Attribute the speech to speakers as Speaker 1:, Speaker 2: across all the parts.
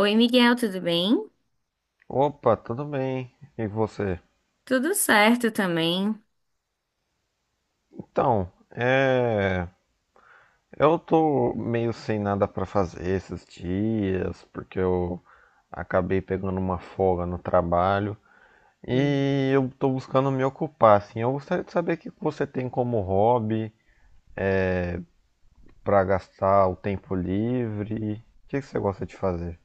Speaker 1: Oi, Miguel, tudo bem?
Speaker 2: Opa, tudo bem? E você?
Speaker 1: Tudo certo também.
Speaker 2: Então, é... eu tô meio sem nada pra fazer esses dias, porque eu acabei pegando uma folga no trabalho
Speaker 1: Hum.
Speaker 2: e eu tô buscando me ocupar, assim. Eu gostaria de saber o que você tem como hobby pra gastar o tempo livre. O que que você gosta de fazer?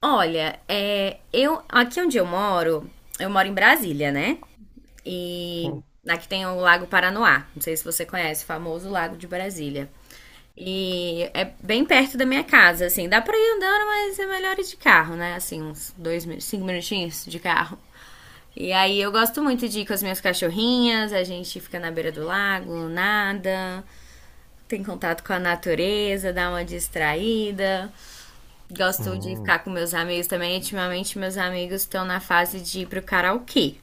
Speaker 1: Olha, eu aqui onde eu moro em Brasília, né? E
Speaker 2: Sim.
Speaker 1: aqui tem o Lago Paranoá. Não sei se você conhece, o famoso Lago de Brasília. E é bem perto da minha casa, assim. Dá pra ir andando, mas é melhor ir de carro, né? Assim, uns cinco minutinhos de carro. E aí eu gosto muito de ir com as minhas cachorrinhas, a gente fica na beira do lago, nada, tem contato com a natureza, dá uma distraída. Gosto de
Speaker 2: Hum,
Speaker 1: ficar com meus amigos também. Ultimamente, meus amigos estão na fase de ir pro karaokê.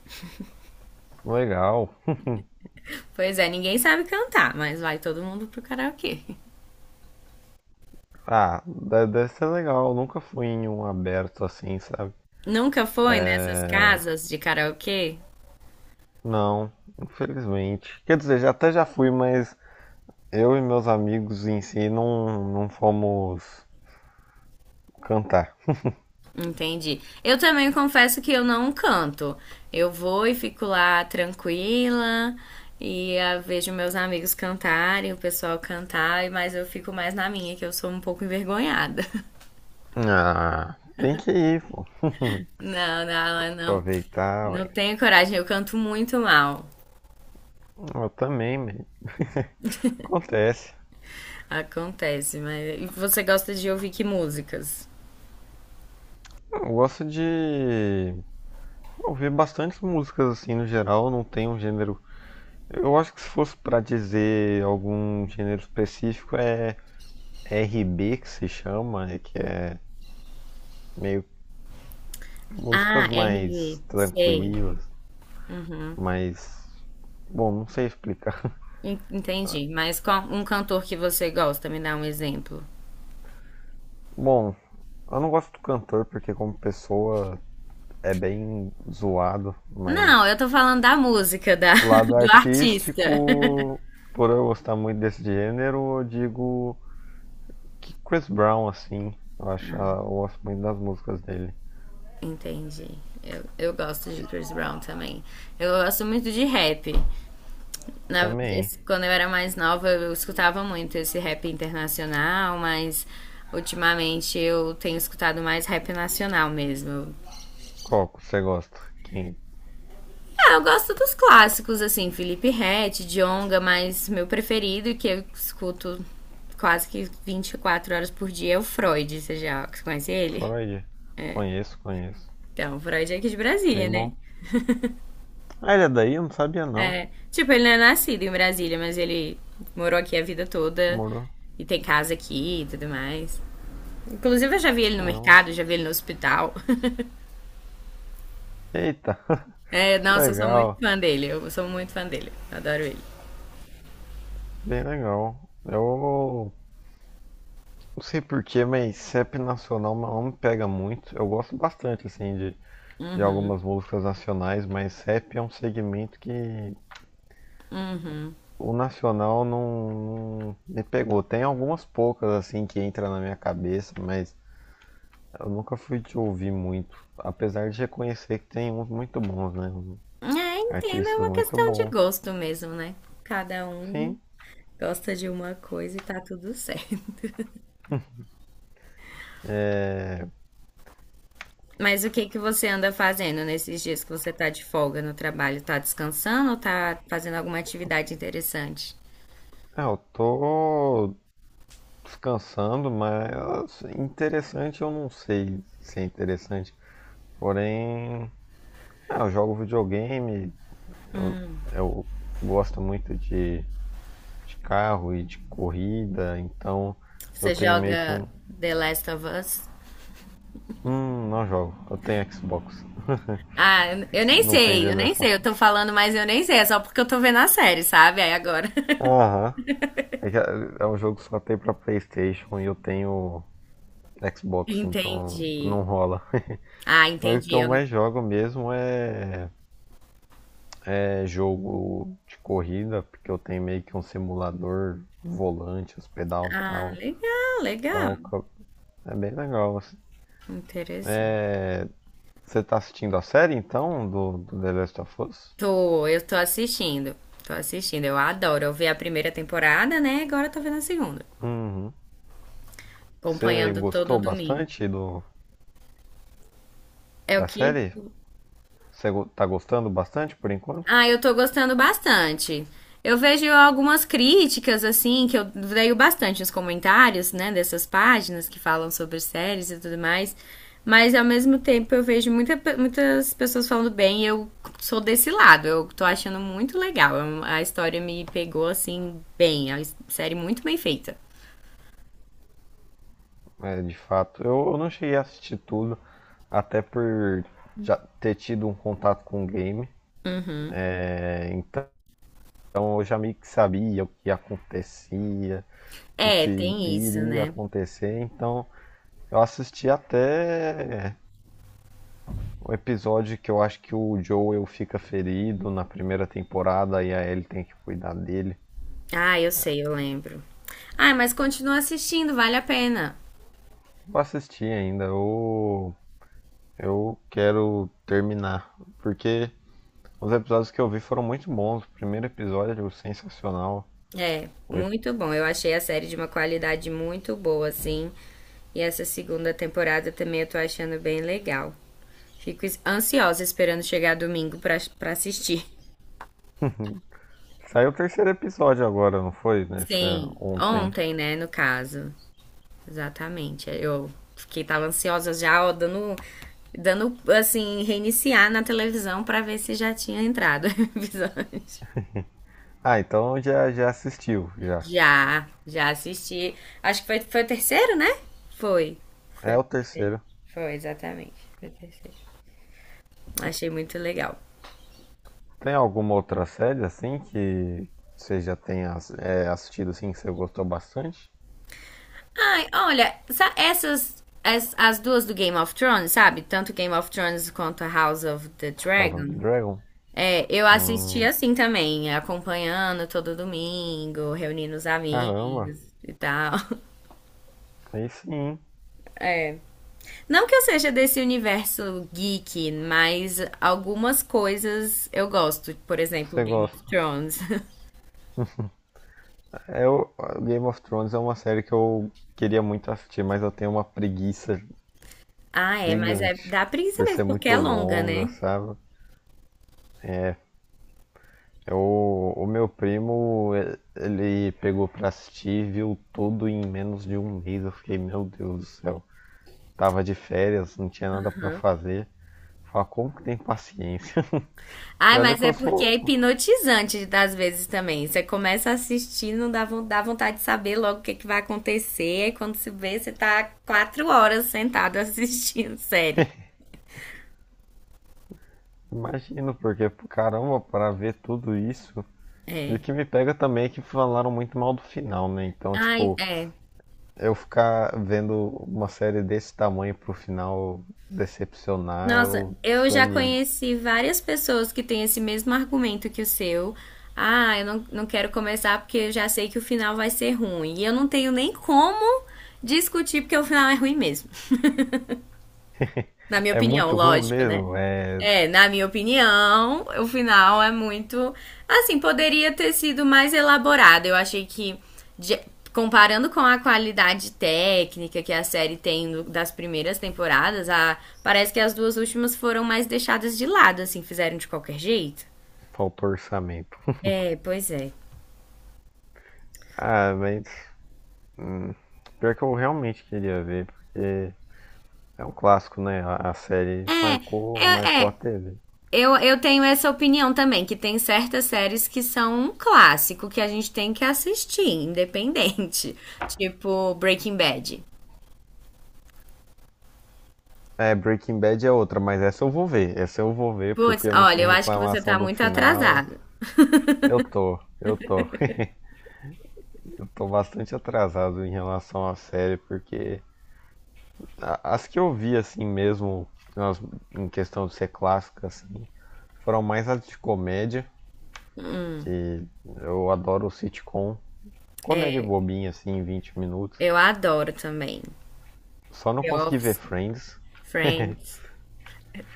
Speaker 2: legal.
Speaker 1: Pois é, ninguém sabe cantar, mas vai todo mundo pro karaokê.
Speaker 2: Ah, deve ser legal. Eu nunca fui em um aberto assim, sabe?
Speaker 1: Nunca foi nessas casas de karaokê?
Speaker 2: Não, infelizmente. Quer dizer, já até já fui, mas eu e meus amigos em si não fomos cantar.
Speaker 1: Entendi. Eu também confesso que eu não canto. Eu vou e fico lá tranquila e ah, vejo meus amigos cantarem, o pessoal cantar, mas eu fico mais na minha, que eu sou um pouco envergonhada.
Speaker 2: Ah, tem que ir, pô.
Speaker 1: Não, não, não.
Speaker 2: Aproveitar,
Speaker 1: Não
Speaker 2: ué.
Speaker 1: tenho coragem, eu canto muito mal.
Speaker 2: Eu também, mano. Acontece.
Speaker 1: Acontece, mas. E você gosta de ouvir que músicas?
Speaker 2: Eu gosto de ouvir bastantes músicas assim no geral, não tem um gênero. Eu acho que se fosse pra dizer algum gênero específico é RB que se chama, né, que é meio
Speaker 1: Ah,
Speaker 2: músicas
Speaker 1: RE
Speaker 2: mais
Speaker 1: sei.
Speaker 2: tranquilas,
Speaker 1: Uhum.
Speaker 2: mais. Bom, não sei explicar.
Speaker 1: Entendi. Mas qual um cantor que você gosta? Me dá um exemplo.
Speaker 2: Bom, eu não gosto do cantor porque como pessoa é bem zoado,
Speaker 1: Não,
Speaker 2: mas
Speaker 1: eu tô falando da música, da,
Speaker 2: o lado
Speaker 1: do artista.
Speaker 2: artístico, por eu gostar muito desse gênero, eu digo que Chris Brown, assim, eu acho, ah, eu gosto muito das músicas dele.
Speaker 1: Entendi. Eu gosto de Chris Brown também. Eu gosto muito de rap.
Speaker 2: Também,
Speaker 1: Quando eu era mais nova, eu escutava muito esse rap internacional, mas ultimamente eu tenho escutado mais rap nacional mesmo.
Speaker 2: qual que você gosta? Quem?
Speaker 1: Ah, eu gosto dos clássicos, assim, Felipe Ret, Djonga, mas meu preferido, que eu escuto quase que 24 horas por dia, é o Freud. Você já conhece ele?
Speaker 2: Freud? Conheço, conheço.
Speaker 1: Então, o Freud é aqui de Brasília,
Speaker 2: Bem
Speaker 1: né?
Speaker 2: bom. Ah, ele é daí? Eu não sabia não.
Speaker 1: É, tipo, ele não é nascido em Brasília, mas ele morou aqui a vida toda
Speaker 2: Morou.
Speaker 1: e tem casa aqui e tudo mais. Inclusive, eu já vi ele no
Speaker 2: Caramba.
Speaker 1: mercado, já vi ele no hospital.
Speaker 2: Eita,
Speaker 1: É,
Speaker 2: que
Speaker 1: nossa, eu sou muito
Speaker 2: legal.
Speaker 1: fã dele. Eu sou muito fã dele. Adoro ele.
Speaker 2: Bem legal. Eu. Não sei porquê, mas CEP nacional não me pega muito. Eu gosto bastante, assim, de algumas músicas nacionais, mas CEP é um segmento que o nacional não me pegou. Tem algumas poucas, assim, que entra na minha cabeça, mas eu nunca fui de ouvir muito. Apesar de reconhecer que tem uns muito bons, né?
Speaker 1: É, entendo, é
Speaker 2: Artistas
Speaker 1: uma
Speaker 2: muito
Speaker 1: questão de
Speaker 2: bons.
Speaker 1: gosto mesmo, né? Cada um
Speaker 2: Sim,
Speaker 1: gosta de uma coisa e tá tudo certo. Mas o que que você anda fazendo nesses dias que você tá de folga no trabalho? Tá descansando ou tá fazendo alguma atividade interessante?
Speaker 2: é, eu tô descansando, mas interessante eu não sei se é interessante. Porém, ah, eu jogo videogame, eu, eu gosto muito de carro e de corrida, então eu
Speaker 1: Você
Speaker 2: tenho meio que
Speaker 1: joga
Speaker 2: um.
Speaker 1: The Last of Us?
Speaker 2: Não jogo, eu tenho Xbox.
Speaker 1: Ah, eu nem
Speaker 2: Não tem
Speaker 1: sei, eu
Speaker 2: dele
Speaker 1: nem
Speaker 2: essa.
Speaker 1: sei. Eu tô falando, mas eu nem sei. É só porque eu tô vendo a série, sabe? Aí agora.
Speaker 2: Aham. É, que é é um jogo que só tem pra PlayStation e eu tenho Xbox, então
Speaker 1: Entendi.
Speaker 2: não rola.
Speaker 1: Ah,
Speaker 2: Mas o que
Speaker 1: entendi.
Speaker 2: eu
Speaker 1: Eu não-
Speaker 2: mais jogo mesmo é, é jogo de corrida, porque eu tenho meio que um simulador, volante, os pedais e
Speaker 1: Ah,
Speaker 2: tal.
Speaker 1: legal, legal.
Speaker 2: Então é bem legal, assim.
Speaker 1: Interessante.
Speaker 2: Você tá assistindo a série então do, do The Last of Us?
Speaker 1: Tô, eu tô assistindo. Tô assistindo. Eu adoro. Eu vi a primeira temporada, né? Agora eu tô vendo a segunda.
Speaker 2: Uhum. Você
Speaker 1: Acompanhando todo
Speaker 2: gostou
Speaker 1: domingo.
Speaker 2: bastante do,
Speaker 1: É o
Speaker 2: da
Speaker 1: que?
Speaker 2: série? Tá gostando bastante por enquanto?
Speaker 1: Ah, eu tô gostando bastante. Eu vejo algumas críticas, assim, que eu leio bastante nos comentários, né, dessas páginas que falam sobre séries e tudo mais. Mas ao mesmo tempo eu vejo muitas pessoas falando bem e eu sou desse lado. Eu tô achando muito legal. A história me pegou, assim, bem. É uma série muito bem feita.
Speaker 2: É, de fato, eu não cheguei a assistir tudo, até por já ter tido um contato com o game. É, então eu já meio que sabia o que acontecia, o
Speaker 1: É,
Speaker 2: que
Speaker 1: tem isso,
Speaker 2: iria
Speaker 1: né?
Speaker 2: acontecer. Então eu assisti até o episódio que eu acho que o Joel fica ferido na primeira temporada e a Ellie tem que cuidar dele.
Speaker 1: Ah, eu sei, eu lembro. Ah, mas continua assistindo, vale a pena.
Speaker 2: Vou assistir ainda, eu quero terminar, porque os episódios que eu vi foram muito bons. O primeiro episódio sensacional.
Speaker 1: É,
Speaker 2: O ep-
Speaker 1: muito bom. Eu achei a série de uma qualidade muito boa, assim. E essa segunda temporada também eu tô achando bem legal. Fico ansiosa esperando chegar domingo pra assistir.
Speaker 2: Saiu o terceiro episódio agora, não foi? Nessa,
Speaker 1: Sim,
Speaker 2: ontem.
Speaker 1: ontem, né, no caso. Exatamente. Eu fiquei, tava ansiosa já, ó, dando, assim, reiniciar na televisão pra ver se já tinha entrado o episódio.
Speaker 2: Ah, então já, já assistiu, já.
Speaker 1: Já, já assisti. Acho que foi o terceiro, né? Foi. Foi
Speaker 2: É
Speaker 1: o
Speaker 2: o
Speaker 1: terceiro.
Speaker 2: terceiro.
Speaker 1: Foi, exatamente. Foi o terceiro. Achei muito legal.
Speaker 2: Tem alguma outra série assim que você já tenha é, assistido assim que você gostou bastante?
Speaker 1: Ai, olha, essas. As duas do Game of Thrones, sabe? Tanto Game of Thrones quanto a House of the
Speaker 2: House of the
Speaker 1: Dragon.
Speaker 2: Dragon?
Speaker 1: É, eu assisti
Speaker 2: Hum,
Speaker 1: assim também, acompanhando todo domingo, reunindo os
Speaker 2: caramba,
Speaker 1: amigos e tal.
Speaker 2: aí sim
Speaker 1: É. Não que eu seja desse universo geek, mas algumas coisas eu gosto. Por exemplo,
Speaker 2: você
Speaker 1: Game of
Speaker 2: gosta.
Speaker 1: Thrones.
Speaker 2: Eu, Game of Thrones é uma série que eu queria muito assistir, mas eu tenho uma preguiça
Speaker 1: Ah, é, mas é
Speaker 2: gigante
Speaker 1: dá preguiça
Speaker 2: por
Speaker 1: mesmo,
Speaker 2: ser
Speaker 1: porque
Speaker 2: muito
Speaker 1: é longa,
Speaker 2: longa,
Speaker 1: né?
Speaker 2: sabe? Eu, o meu primo, ele pegou pra assistir, e viu tudo em menos de um mês. Eu fiquei, meu Deus do céu, tava de férias, não tinha nada pra fazer. Fala, como que tem paciência? E
Speaker 1: Ah,
Speaker 2: olha
Speaker 1: mas
Speaker 2: que
Speaker 1: é
Speaker 2: eu
Speaker 1: porque é
Speaker 2: sou,
Speaker 1: hipnotizante às vezes também. Você começa a assistir, não dá, dá vontade de saber logo o que, que vai acontecer. Aí quando se vê, você tá 4 horas sentado assistindo série.
Speaker 2: imagino, porque caramba, pra ver tudo isso. E
Speaker 1: É.
Speaker 2: o que me pega também é que falaram muito mal do final, né? Então,
Speaker 1: Ai,
Speaker 2: tipo,
Speaker 1: é.
Speaker 2: eu ficar vendo uma série desse tamanho pro final decepcionar,
Speaker 1: Nossa,
Speaker 2: eu
Speaker 1: eu já
Speaker 2: desanimo.
Speaker 1: conheci várias pessoas que têm esse mesmo argumento que o seu. Ah, eu não quero começar porque eu já sei que o final vai ser ruim. E eu não tenho nem como discutir porque o final é ruim mesmo. Na minha
Speaker 2: É
Speaker 1: opinião,
Speaker 2: muito ruim
Speaker 1: lógico, né?
Speaker 2: mesmo, é,
Speaker 1: É, na minha opinião, o final é muito. Assim, poderia ter sido mais elaborado. Eu achei que, de- comparando com a qualidade técnica que a série tem das primeiras temporadas, parece que as duas últimas foram mais deixadas de lado, assim, fizeram de qualquer jeito.
Speaker 2: faltou orçamento.
Speaker 1: É, pois é.
Speaker 2: Ah, mas hum, pior que eu realmente queria ver, porque é um clássico, né? A série marcou,
Speaker 1: É,
Speaker 2: marcou a
Speaker 1: é,
Speaker 2: TV.
Speaker 1: eu tenho essa opinião também, que tem certas séries que são um clássico que a gente tem que assistir, independente. Tipo Breaking Bad.
Speaker 2: É, Breaking Bad é outra, mas essa eu vou ver. Essa eu vou ver
Speaker 1: Putz,
Speaker 2: porque não
Speaker 1: olha,
Speaker 2: tem
Speaker 1: eu acho que você tá
Speaker 2: reclamação do
Speaker 1: muito
Speaker 2: final.
Speaker 1: atrasado.
Speaker 2: Eu tô. Tô bastante atrasado em relação à série, porque as que eu vi assim mesmo, elas, em questão de ser clássica, assim, foram mais as de comédia, que eu adoro sitcom, comédia bobinha assim, em 20 minutos.
Speaker 1: Eu adoro também.
Speaker 2: Só não
Speaker 1: The
Speaker 2: consegui ver
Speaker 1: Office,
Speaker 2: Friends.
Speaker 1: Friends,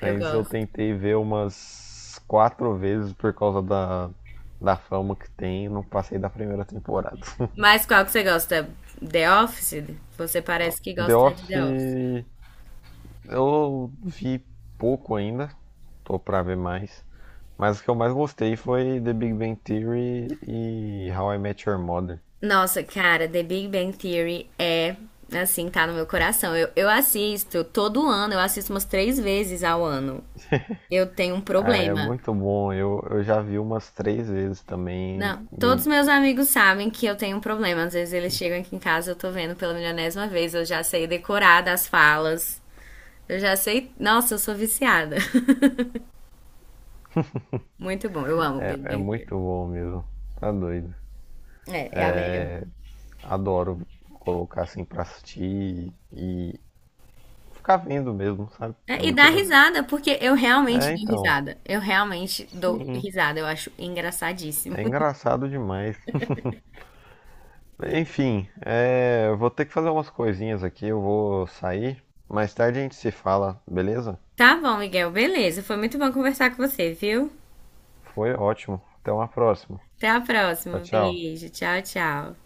Speaker 1: eu
Speaker 2: eu
Speaker 1: gosto.
Speaker 2: tentei ver umas 4 vezes por causa da, da fama que tem, não passei da primeira temporada.
Speaker 1: Mas qual que você gosta? The Office? Você parece que
Speaker 2: The
Speaker 1: gosta de The Office.
Speaker 2: Office eu vi pouco ainda, tô pra ver mais. Mas o que eu mais gostei foi The Big Bang Theory e How I Met Your Mother.
Speaker 1: Nossa, cara, The Big Bang Theory é, assim, tá no meu coração. Eu assisto todo ano, eu assisto umas três vezes ao ano. Eu tenho um
Speaker 2: Ah, é
Speaker 1: problema.
Speaker 2: muito bom, eu já vi umas 3 vezes
Speaker 1: Não,
Speaker 2: também e
Speaker 1: todos meus amigos sabem que eu tenho um problema. Às vezes eles chegam aqui em casa, eu tô vendo pela milionésima vez, eu já sei decorar das falas. Eu já sei. Nossa, eu sou viciada. Muito bom, eu amo
Speaker 2: é,
Speaker 1: Big
Speaker 2: é
Speaker 1: Bang Theory.
Speaker 2: muito bom mesmo. Tá doido.
Speaker 1: É a melhor.
Speaker 2: Adoro colocar assim pra assistir e ficar vendo mesmo, sabe? É
Speaker 1: É, e
Speaker 2: muito
Speaker 1: dá
Speaker 2: legal.
Speaker 1: risada, porque eu realmente
Speaker 2: É,
Speaker 1: dou
Speaker 2: então,
Speaker 1: risada. Eu realmente dou
Speaker 2: sim,
Speaker 1: risada, eu acho engraçadíssimo.
Speaker 2: é engraçado demais. Enfim, é, eu vou ter que fazer umas coisinhas aqui, eu vou sair. Mais tarde a gente se fala, beleza?
Speaker 1: Tá bom, Miguel, beleza. Foi muito bom conversar com você, viu?
Speaker 2: Foi ótimo. Até uma próxima.
Speaker 1: Até a
Speaker 2: Tchau,
Speaker 1: próxima.
Speaker 2: tchau.
Speaker 1: Beijo, tchau, tchau.